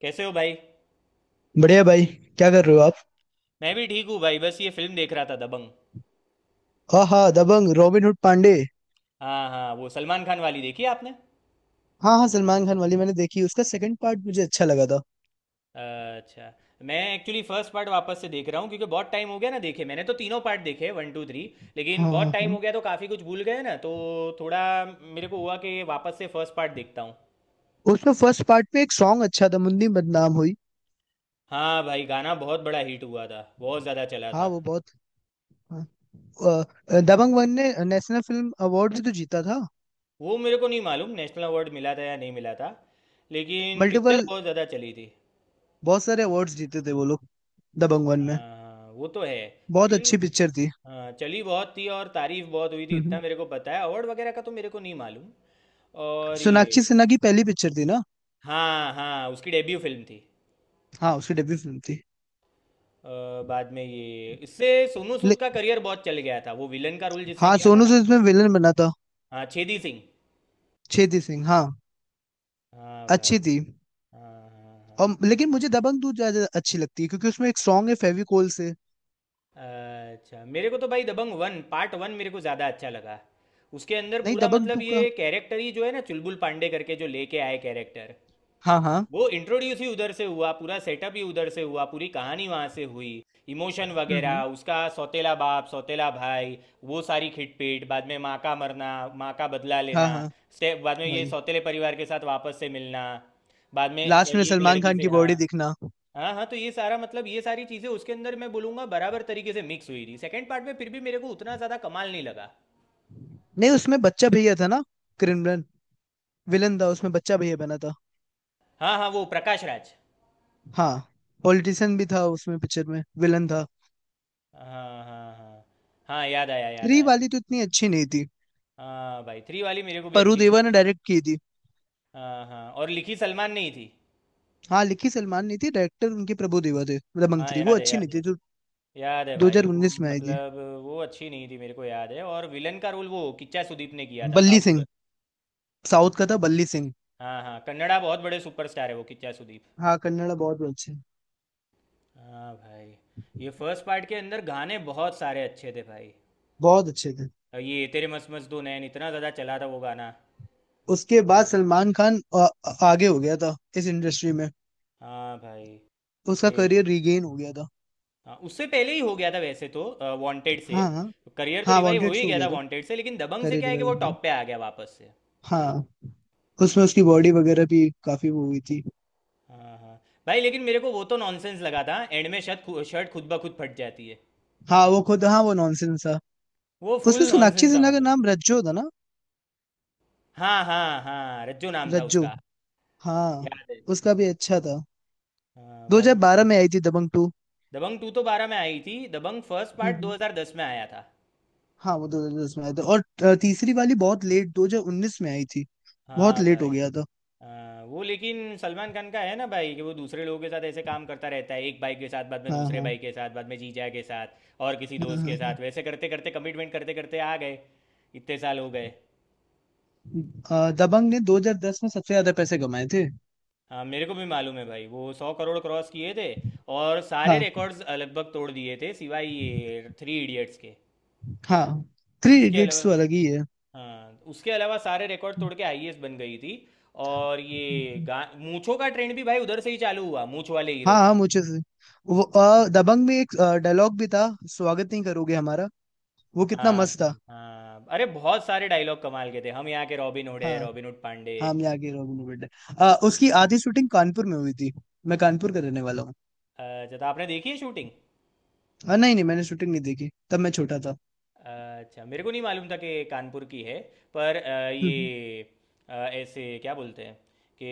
कैसे हो भाई। बढ़िया भाई। क्या कर रहे हो आप? मैं भी ठीक हूँ भाई, बस ये फिल्म देख रहा था, दबंग। हाँ हाँ, दबंग रॉबिन हुड पांडे। हाँ हाँ, वो सलमान खान वाली देखी है आपने? हाँ हाँ, सलमान खान वाली मैंने देखी। उसका सेकंड पार्ट मुझे अच्छा लगा था। अच्छा। मैं एक्चुअली फर्स्ट पार्ट वापस से देख रहा हूँ क्योंकि बहुत टाइम हो गया ना देखे, मैंने तो तीनों पार्ट देखे, वन टू थ्री। लेकिन हाँ हाँ बहुत टाइम हाँ। हो गया तो काफ़ी कुछ भूल गए ना, तो थोड़ा मेरे को हुआ कि वापस से फर्स्ट पार्ट देखता हूँ। उसमें फर्स्ट पार्ट में एक सॉन्ग अच्छा था, मुन्नी बदनाम हुई। हाँ भाई, गाना बहुत बड़ा हिट हुआ था, बहुत ज़्यादा चला हाँ था। वो बहुत। हाँ। दबंग वन ने नेशनल फिल्म अवार्ड भी तो जीता था। वो मेरे को नहीं मालूम नेशनल अवार्ड मिला था या नहीं मिला था, लेकिन पिक्चर मल्टीपल। बहुत ज़्यादा चली थी। बहुत सारे अवार्ड्स जीते थे वो लोग, दबंग वन हाँ। में। हाँ, वो तो है। बहुत फिल्म। अच्छी पिक्चर थी। हाँ, चली बहुत थी और तारीफ बहुत हुई थी, हम्म, इतना हम्म। मेरे को पता है, अवार्ड वगैरह का तो मेरे को नहीं मालूम। और ये सोनाक्षी सिन्हा की पहली पिक्चर थी ना? हाँ हाँ, उसकी डेब्यू फिल्म थी। हाँ, उसकी डेब्यू फिल्म थी। अ, बाद में ये इससे सोनू सूद ले, का करियर बहुत चल गया था, वो विलन का रोल जिसने हाँ, किया था सोनू ना। सूद इसमें विलन बना था। हाँ छेदी सिंह। छेदी सिंह, हाँ। हाँ अच्छी भाई। थी। हाँ हाँ हाँ। और लेकिन मुझे दबंग टू ज्यादा अच्छी लगती है क्योंकि उसमें एक सॉन्ग है फेविकोल से। अच्छा, मेरे को तो भाई दबंग वन पार्ट वन मेरे को ज़्यादा अच्छा लगा। उसके अंदर नहीं, पूरा दबंग मतलब टू का। ये कैरेक्टर ही जो है ना, चुलबुल पांडे करके जो लेके आए कैरेक्टर, हाँ हाँ। वो इंट्रोड्यूस ही उधर से हुआ, पूरा सेटअप ही उधर से हुआ, पूरी कहानी वहाँ से हुई। इमोशन वगैरह, हम्म। उसका सौतेला बाप, सौतेला भाई, वो सारी खिटपीट, बाद में माँ का मरना, माँ का बदला हाँ लेना, हाँ। स्टेप, बाद में ये वही। सौतेले परिवार के साथ वापस से मिलना, बाद में लास्ट में ये एक सलमान लड़की खान से, की बॉडी हाँ। दिखना। हाँ हाँ, तो ये सारा मतलब ये सारी चीज़ें उसके अंदर मैं बोलूँगा बराबर तरीके से मिक्स हुई थी। सेकंड पार्ट में फिर भी मेरे को उतना ज़्यादा कमाल नहीं लगा। नहीं, उसमें बच्चा भैया था ना। क्रिमिनल। विलन था उसमें, बच्चा भैया बना था। हाँ हाँ, वो प्रकाश राज। हाँ। पॉलिटिशियन भी था उसमें, पिक्चर में विलन था। हाँ हाँ हाँ हाँ। हाँ, याद आया याद थ्री आया। वाली तो इतनी अच्छी नहीं थी। हाँ भाई, थ्री वाली मेरे को भी प्रभु अच्छी नहीं देवा ने लगी। डायरेक्ट की थी। हाँ हाँ, और लिखी सलमान नहीं थी। हाँ, लिखी सलमान नहीं थी। डायरेक्टर उनके प्रभु देवा थे। दबंग हाँ थ्री वो याद है अच्छी याद नहीं है। थी, जो याद है भाई, वो 2019 में आई थी। मतलब वो अच्छी नहीं थी, मेरे को याद है। और विलन का रोल वो किच्चा सुदीप ने किया था, बल्ली साउथ का। सिंह। साउथ का था बल्ली सिंह। हाँ हाँ, कन्नड़ा बहुत बड़े सुपरस्टार है वो किच्चा सुदीप। हाँ, कन्नड़ा बहुत अच्छे। हाँ भाई। ये फर्स्ट पार्ट के अंदर गाने बहुत सारे अच्छे थे भाई। बहुत अच्छे थे। और ये तेरे मस्त मस्त दो नैन, इतना ज़्यादा चला था वो गाना। उसके बाद हाँ। सलमान खान आगे हो गया था इस इंडस्ट्री में। हाँ भाई। उसका ये करियर रिगेन हो गया था। हाँ, उससे पहले ही हो गया था वैसे तो, वांटेड से। हाँ हाँ करियर तो हाँ। रिवाइव हो वांटेड ही से हो गया गया था था। वांटेड से, लेकिन दबंग से करियर क्या है कि रिवाइव वो में। टॉप पे आ गया वापस से। हाँ। उसमें उसकी बॉडी वगैरह भी काफी वो हुई थी। हाँ हाँ। भाई लेकिन मेरे को वो तो नॉनसेंस लगा था, एंड में शर्ट खुद ब खुद फट जाती है। हाँ, वो खुद, हाँ वो नॉनसेंस था। वो फुल उसमें सोनाक्षी नॉनसेंस था सिन्हा का मतलब। नाम रज्जो था ना। हाँ हाँ हाँ, रज्जो नाम था रज्जो। उसका। हाँ। याद है। उसका भी अच्छा था। हाँ बाद में, 2012 में आई थी दबंग टू। दबंग टू तो बारह में आई थी, दबंग फर्स्ट हम्म पार्ट हम्म। 2010 में आया था। हाँ, वो 2010 में आया था। और तीसरी वाली बहुत लेट 2019 में आई थी। बहुत हाँ लेट हो भाई। गया था। हाँ वो, लेकिन सलमान खान का है ना भाई कि वो दूसरे लोगों के साथ ऐसे काम करता रहता है, एक भाई के साथ, बाद में हाँ दूसरे हाँ भाई के साथ, बाद में जीजा के साथ और किसी हाँ। दोस्त हाँ के हाँ। साथ, वैसे करते करते कमिटमेंट करते करते आ गए। इतने साल हो गए। दबंग ने 2010 में सबसे ज्यादा पैसे कमाए थे। हाँ मेरे को भी मालूम है भाई, वो 100 करोड़ क्रॉस किए थे। और सारे हाँ रिकॉर्ड्स लगभग तोड़ दिए थे सिवाय ये थ्री इडियट्स के। हाँ। थ्री उसके इडियट्स अलावा, तो अलग ही है। हाँ उसके अलावा सारे रिकॉर्ड तोड़ के आईएएस बन गई थी। और ये गा मूंछों का ट्रेंड भी भाई उधर से ही चालू हुआ, मूंछ वाले हाँ हीरो हाँ, का। मुझे से वो दबंग में एक डायलॉग भी था। स्वागत नहीं करोगे हमारा। वो कितना हाँ मस्त था। हाँ, अरे बहुत सारे डायलॉग कमाल के थे, हम यहाँ के रॉबिन हुड हाँ है, रॉबिन हुड पांडे। हाँ, हम यहाँ के रॉबिन हुड हैं। उसकी आधी शूटिंग कानपुर में हुई थी। मैं कानपुर का रहने वाला हूँ। अच्छा, तो आपने देखी है शूटिंग? हाँ, नहीं नहीं, मैंने शूटिंग नहीं देखी, तब मैं छोटा था। अच्छा, मेरे को नहीं मालूम था कि कानपुर की है। पर हम्म ये ऐसे क्या बोलते हैं कि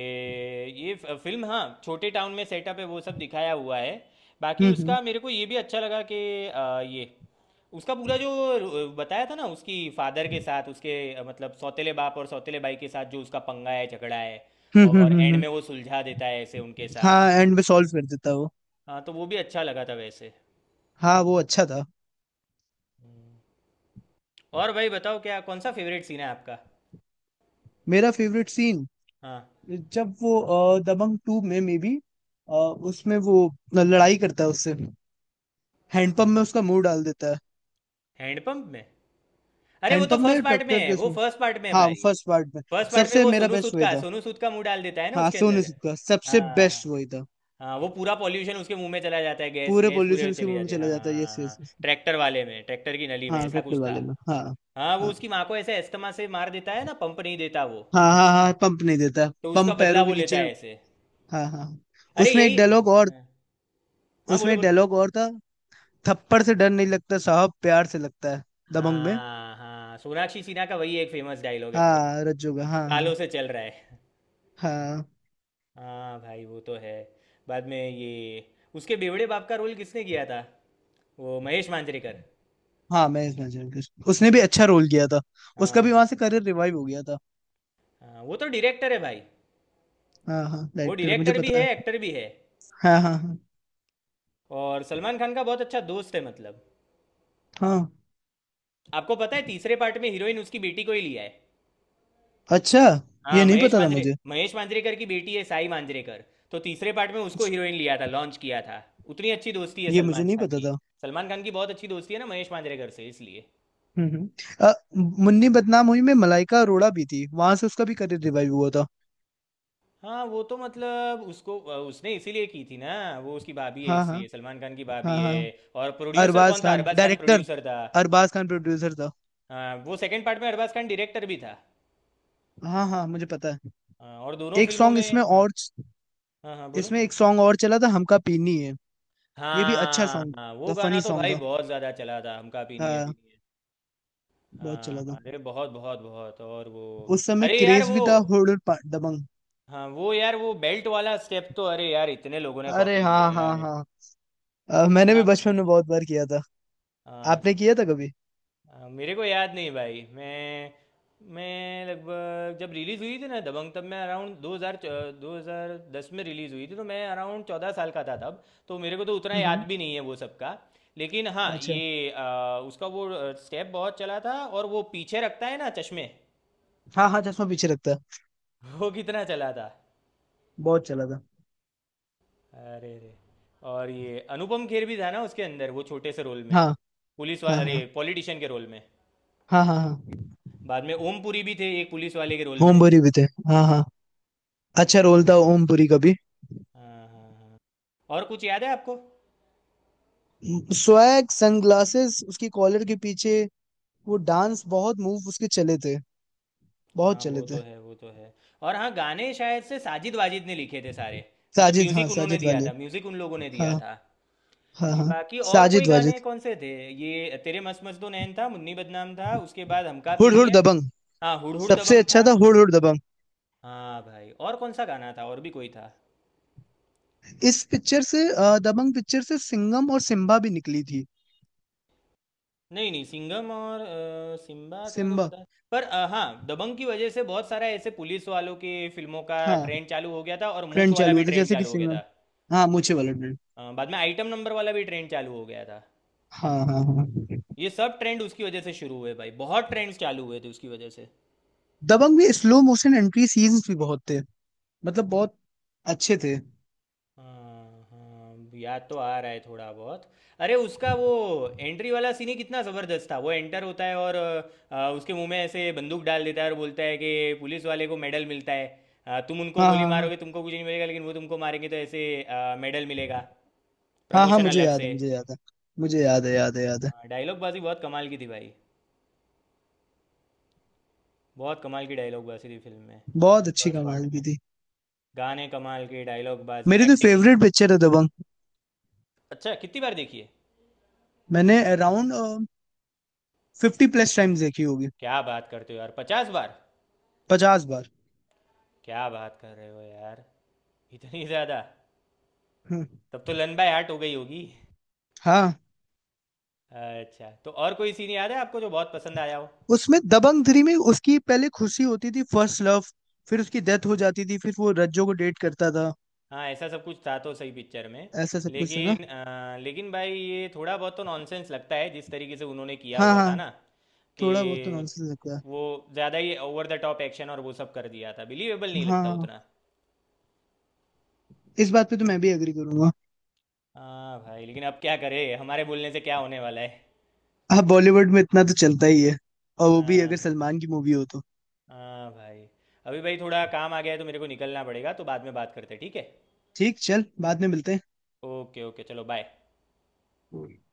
ये फिल्म, हाँ, छोटे टाउन में सेटअप है वो सब दिखाया हुआ है। बाकी हम्म। उसका मेरे को ये भी अच्छा लगा कि ये उसका पूरा जो बताया था ना उसकी फादर के साथ, उसके मतलब सौतेले बाप और सौतेले भाई के साथ जो उसका पंगा है, झगड़ा है। हम्म। और एंड में वो सुलझा देता है ऐसे उनके साथ। हाँ, एंड में सॉल्व कर देता वो। हाँ, तो वो भी अच्छा लगा था वैसे। हाँ, वो अच्छा था। हम्म। और भाई बताओ, क्या कौन सा फेवरेट सीन है आपका? मेरा फेवरेट सीन, हाँ। जब वो दबंग टू में मे बी, उसमें वो लड़ाई करता है उससे, हैंडपंप में उसका मुंह डाल देता है। हैंडपंप में, अरे वो तो हैंडपंप फर्स्ट में पार्ट में ट्रैक्टर है, के वो उसमें। फर्स्ट पार्ट में है हाँ, भाई। फर्स्ट पार्ट में। फर्स्ट पार्ट में सबसे वो मेरा सोनू बेस्ट सूद वही का, था। सोनू सूद का मुंह डाल देता है ना हाँ, उसके सोनू अंदर। सूद का हाँ सबसे हाँ। बेस्ट वही था। हाँ, वो पूरा पॉल्यूशन उसके मुंह में चला जाता है, गैस पूरे गैस पोल्यूशन पूरे उसके चली मुंह में जाती है, चला हाँ जाता है, हाँ यस यस। हाँ, ट्रैक्टर वाले में, ट्रैक्टर की नली में हाँ, ऐसा ट्रैक्टर कुछ था। वाले में, हाँ। हाँ, वो हाँ उसकी माँ को ऐसे अस्थमा से मार देता है ना, पंप नहीं देता वो, हाँ हाँ। हाँ पंप नहीं देता। तो उसका पंप बदला पैरों वो के लेता नीचे। है ऐसे। हाँ हाँ हाँ। अरे उसमें एक यही, हाँ। डायलॉग और। हाँ हाँ, उसमें बोलो एक बोलो। डायलॉग और था। थप्पड़ से डर नहीं लगता साहब, प्यार से लगता है। दबंग में। हाँ हाँ, सोनाक्षी सिन्हा का वही एक फेमस डायलॉग है भाई, हाँ, रज्जू का, हाँ हाँ। सालों से चल रहा है। हाँ हाँ भाई, वो तो है। बाद में ये उसके बेवड़े बाप का रोल किसने किया था? वो महेश मांजरेकर। हाँ, मैं इस मैच उसने भी अच्छा रोल किया था। उसका भी हाँ वहां से करियर रिवाइव हो गया था। हाँ, वो तो डायरेक्टर है भाई। हाँ हाँ, वो डायरेक्टर मुझे डायरेक्टर भी पता है, है। एक्टर भी है, हाँ हाँ। और सलमान खान का बहुत अच्छा दोस्त है, मतलब। हाँ हाँ। आपको पता है तीसरे पार्ट में हीरोइन उसकी बेटी को ही लिया है। अच्छा। हाँ, ये नहीं महेश पता था मांजरे, मुझे। महेश मांजरेकर की बेटी है साई मांजरेकर। तो तीसरे पार्ट में उसको हीरोइन लिया था, लॉन्च किया था। उतनी अच्छी दोस्ती है ये मुझे सलमान नहीं खान पता की। था। सलमान खान की बहुत अच्छी दोस्ती है ना महेश मांजरेकर से, इसलिए। हम्म हम्म। अ, मुन्नी बदनाम हुई में मलाइका अरोड़ा भी थी, वहां से उसका भी करियर रिवाइव हुआ था। हाँ, वो तो मतलब उसको, उसने इसीलिए की थी ना। वो उसकी भाभी है, हाँ हाँ। इसलिए। सलमान खान की हाँ भाभी हाँ। है। और प्रोड्यूसर अरबाज कौन था, खान अरबाज खान डायरेक्टर, प्रोड्यूसर था। अरबाज खान प्रोड्यूसर था। हाँ, वो सेकंड पार्ट में अरबाज खान डायरेक्टर भी था। हाँ हाँ, मुझे पता है। हाँ, और दोनों एक फिल्मों सॉन्ग इसमें में, हाँ और। हाँ, हाँ बोलो। इसमें एक सॉन्ग और चला था, हमका पीनी है। ये भी अच्छा हाँ सॉन्ग हाँ, वो था, गाना फनी तो सॉन्ग भाई था। बहुत ज़्यादा चला था, हमका पीनी है हाँ। पीनी है। बहुत चला हाँ था। अरे बहुत बहुत बहुत, और वो, उस समय अरे यार क्रेज भी वो, था। दबंग। हाँ वो यार वो बेल्ट वाला स्टेप तो, अरे यार इतने लोगों ने अरे कॉपी किया हाँ हाँ है, हाँ। मैंने भी कितना कॉपी बचपन हुआ में था। बहुत बार किया था। हाँ आपने हाँ। किया था कभी? मेरे को याद नहीं भाई, मैं लगभग जब रिलीज़ हुई थी ना दबंग, तब मैं अराउंड 2000, 2010 में रिलीज़ हुई थी, तो मैं अराउंड 14 साल का था तब। तो मेरे को तो उतना हम्म। याद भी नहीं है वो सब का। लेकिन हाँ, अच्छा। ये उसका वो स्टेप बहुत चला था। और वो पीछे रखता है ना चश्मे, हाँ हाँ, चश्मा पीछे रखता है। वो कितना चला था। बहुत चला था। अरे रे। और ये अनुपम खेर भी था ना उसके अंदर, वो छोटे से रोल में, हाँ पुलिस वाले, हाँ अरे हाँ। पॉलिटिशियन के रोल में। हाँ हाँ हाँ। बाद में ओम पुरी भी थे एक पुलिस वाले के रोल में। ओमपुरी भी थे। हाँ हाँ। अच्छा रोल था ओमपुरी का भी। हाँ हाँ हाँ। और कुछ याद है आपको? स्वैग सनग्लासेस उसकी कॉलर के पीछे। वो डांस बहुत मूव उसके चले थे। हाँ बहुत चले वो तो थे। है, वो तो है। और हाँ, गाने शायद से साजिद वाजिद ने लिखे थे सारे, मतलब साजिद, हाँ म्यूजिक उन्होंने साजिद दिया वाली। था, म्यूजिक उन लोगों ने हाँ दिया था। हाँ। हाँ, बाकी और कोई साजिद गाने वाजिद। कौन से थे? ये तेरे मस्त मस्त दो नैन था, मुन्नी बदनाम था, उसके बाद हमका हुड पीनी हुड है। दबंग। हाँ, हुड़ हुड़ सबसे दबंग अच्छा था। था हुड हुड दबंग। हाँ भाई और कौन सा गाना था, और भी कोई था? इस पिक्चर से दबंग पिक्चर से सिंघम और सिम्बा भी निकली थी। नहीं नहीं, सिंघम और सिम्बात का तो सिम्बा। पता है। पर हाँ, दबंग की वजह से बहुत सारा ऐसे पुलिस वालों के फिल्मों का हाँ, ट्रेंड चालू हो गया था, और मूंछ ट्रेंड वाला चालू भी हुआ था ट्रेंड जैसे कि चालू हो गया सिंघम। था। हाँ, मूछे वाला ट्रेंड। बाद में आइटम नंबर वाला भी ट्रेंड चालू हो गया था। हाँ हाँ हाँ। ये सब ट्रेंड उसकी वजह से शुरू हुए भाई, बहुत ट्रेंड्स चालू हुए थे उसकी वजह से। दबंग में स्लो मोशन एंट्री सीन्स भी बहुत थे, मतलब बहुत अच्छे थे। हाँ हाँ, याद तो आ रहा है थोड़ा बहुत। अरे उसका वो एंट्री वाला सीन ही कितना ज़बरदस्त था, वो एंटर होता है और उसके मुंह में ऐसे बंदूक डाल देता है और बोलता है कि पुलिस वाले को मेडल मिलता है। तुम उनको हाँ गोली हाँ हाँ। मारोगे तुमको कुछ नहीं मिलेगा, लेकिन वो तुमको मारेंगे तो ऐसे मेडल मिलेगा। हाँ हाँ, प्रमोशन मुझे अलग याद है, से। मुझे याद है। मुझे याद है, याद है, याद है। डायलॉग बाजी बहुत कमाल की थी भाई, बहुत कमाल की डायलॉग बाजी थी फिल्म में, बहुत अच्छी फर्स्ट पार्ट कमाल की में। थी। गाने कमाल के, डायलॉग बाजी, मेरी तो एक्टिंग, यार। फेवरेट पिक्चर है दबंग। अच्छा, कितनी बार देखी है? मैंने अराउंड 50 प्लस टाइम्स देखी होगी। क्या बात करते हो यार, 50 बार? 50 बार। क्या बात कर रहे हो यार, इतनी ज़्यादा। हम्म। तब तो लन बाय हार्ट हो गई होगी। हाँ। अच्छा, तो और कोई सीन याद है आपको जो बहुत पसंद आया हो? उसमें दबंग थ्री में उसकी पहले खुशी होती थी, फर्स्ट लव। फिर उसकी डेथ हो जाती थी, फिर वो रज्जो को डेट करता था। हाँ, ऐसा सब कुछ था तो सही पिक्चर में। ऐसा सब कुछ था ना। लेकिन लेकिन भाई ये थोड़ा बहुत तो नॉनसेंस लगता है जिस तरीके से उन्होंने किया हाँ हुआ था हाँ। ना, थोड़ा बहुत तो कि नॉनसेंस लगता है। वो ज़्यादा ही ओवर द टॉप एक्शन और वो सब कर दिया था, बिलीवेबल नहीं हाँ लगता हाँ, उतना। इस बात पे तो मैं भी एग्री करूंगा। हाँ भाई, लेकिन अब क्या करें, हमारे बोलने से क्या होने वाला है। हाँ, बॉलीवुड में इतना तो चलता ही है। और वो भी अगर हाँ। सलमान की मूवी हो तो। हाँ भाई, अभी भाई थोड़ा काम आ गया है तो मेरे को निकलना पड़ेगा, तो बाद में बात करते हैं, ठीक है? ठीक, चल बाद में मिलते ओके ओके, चलो, बाय। हैं।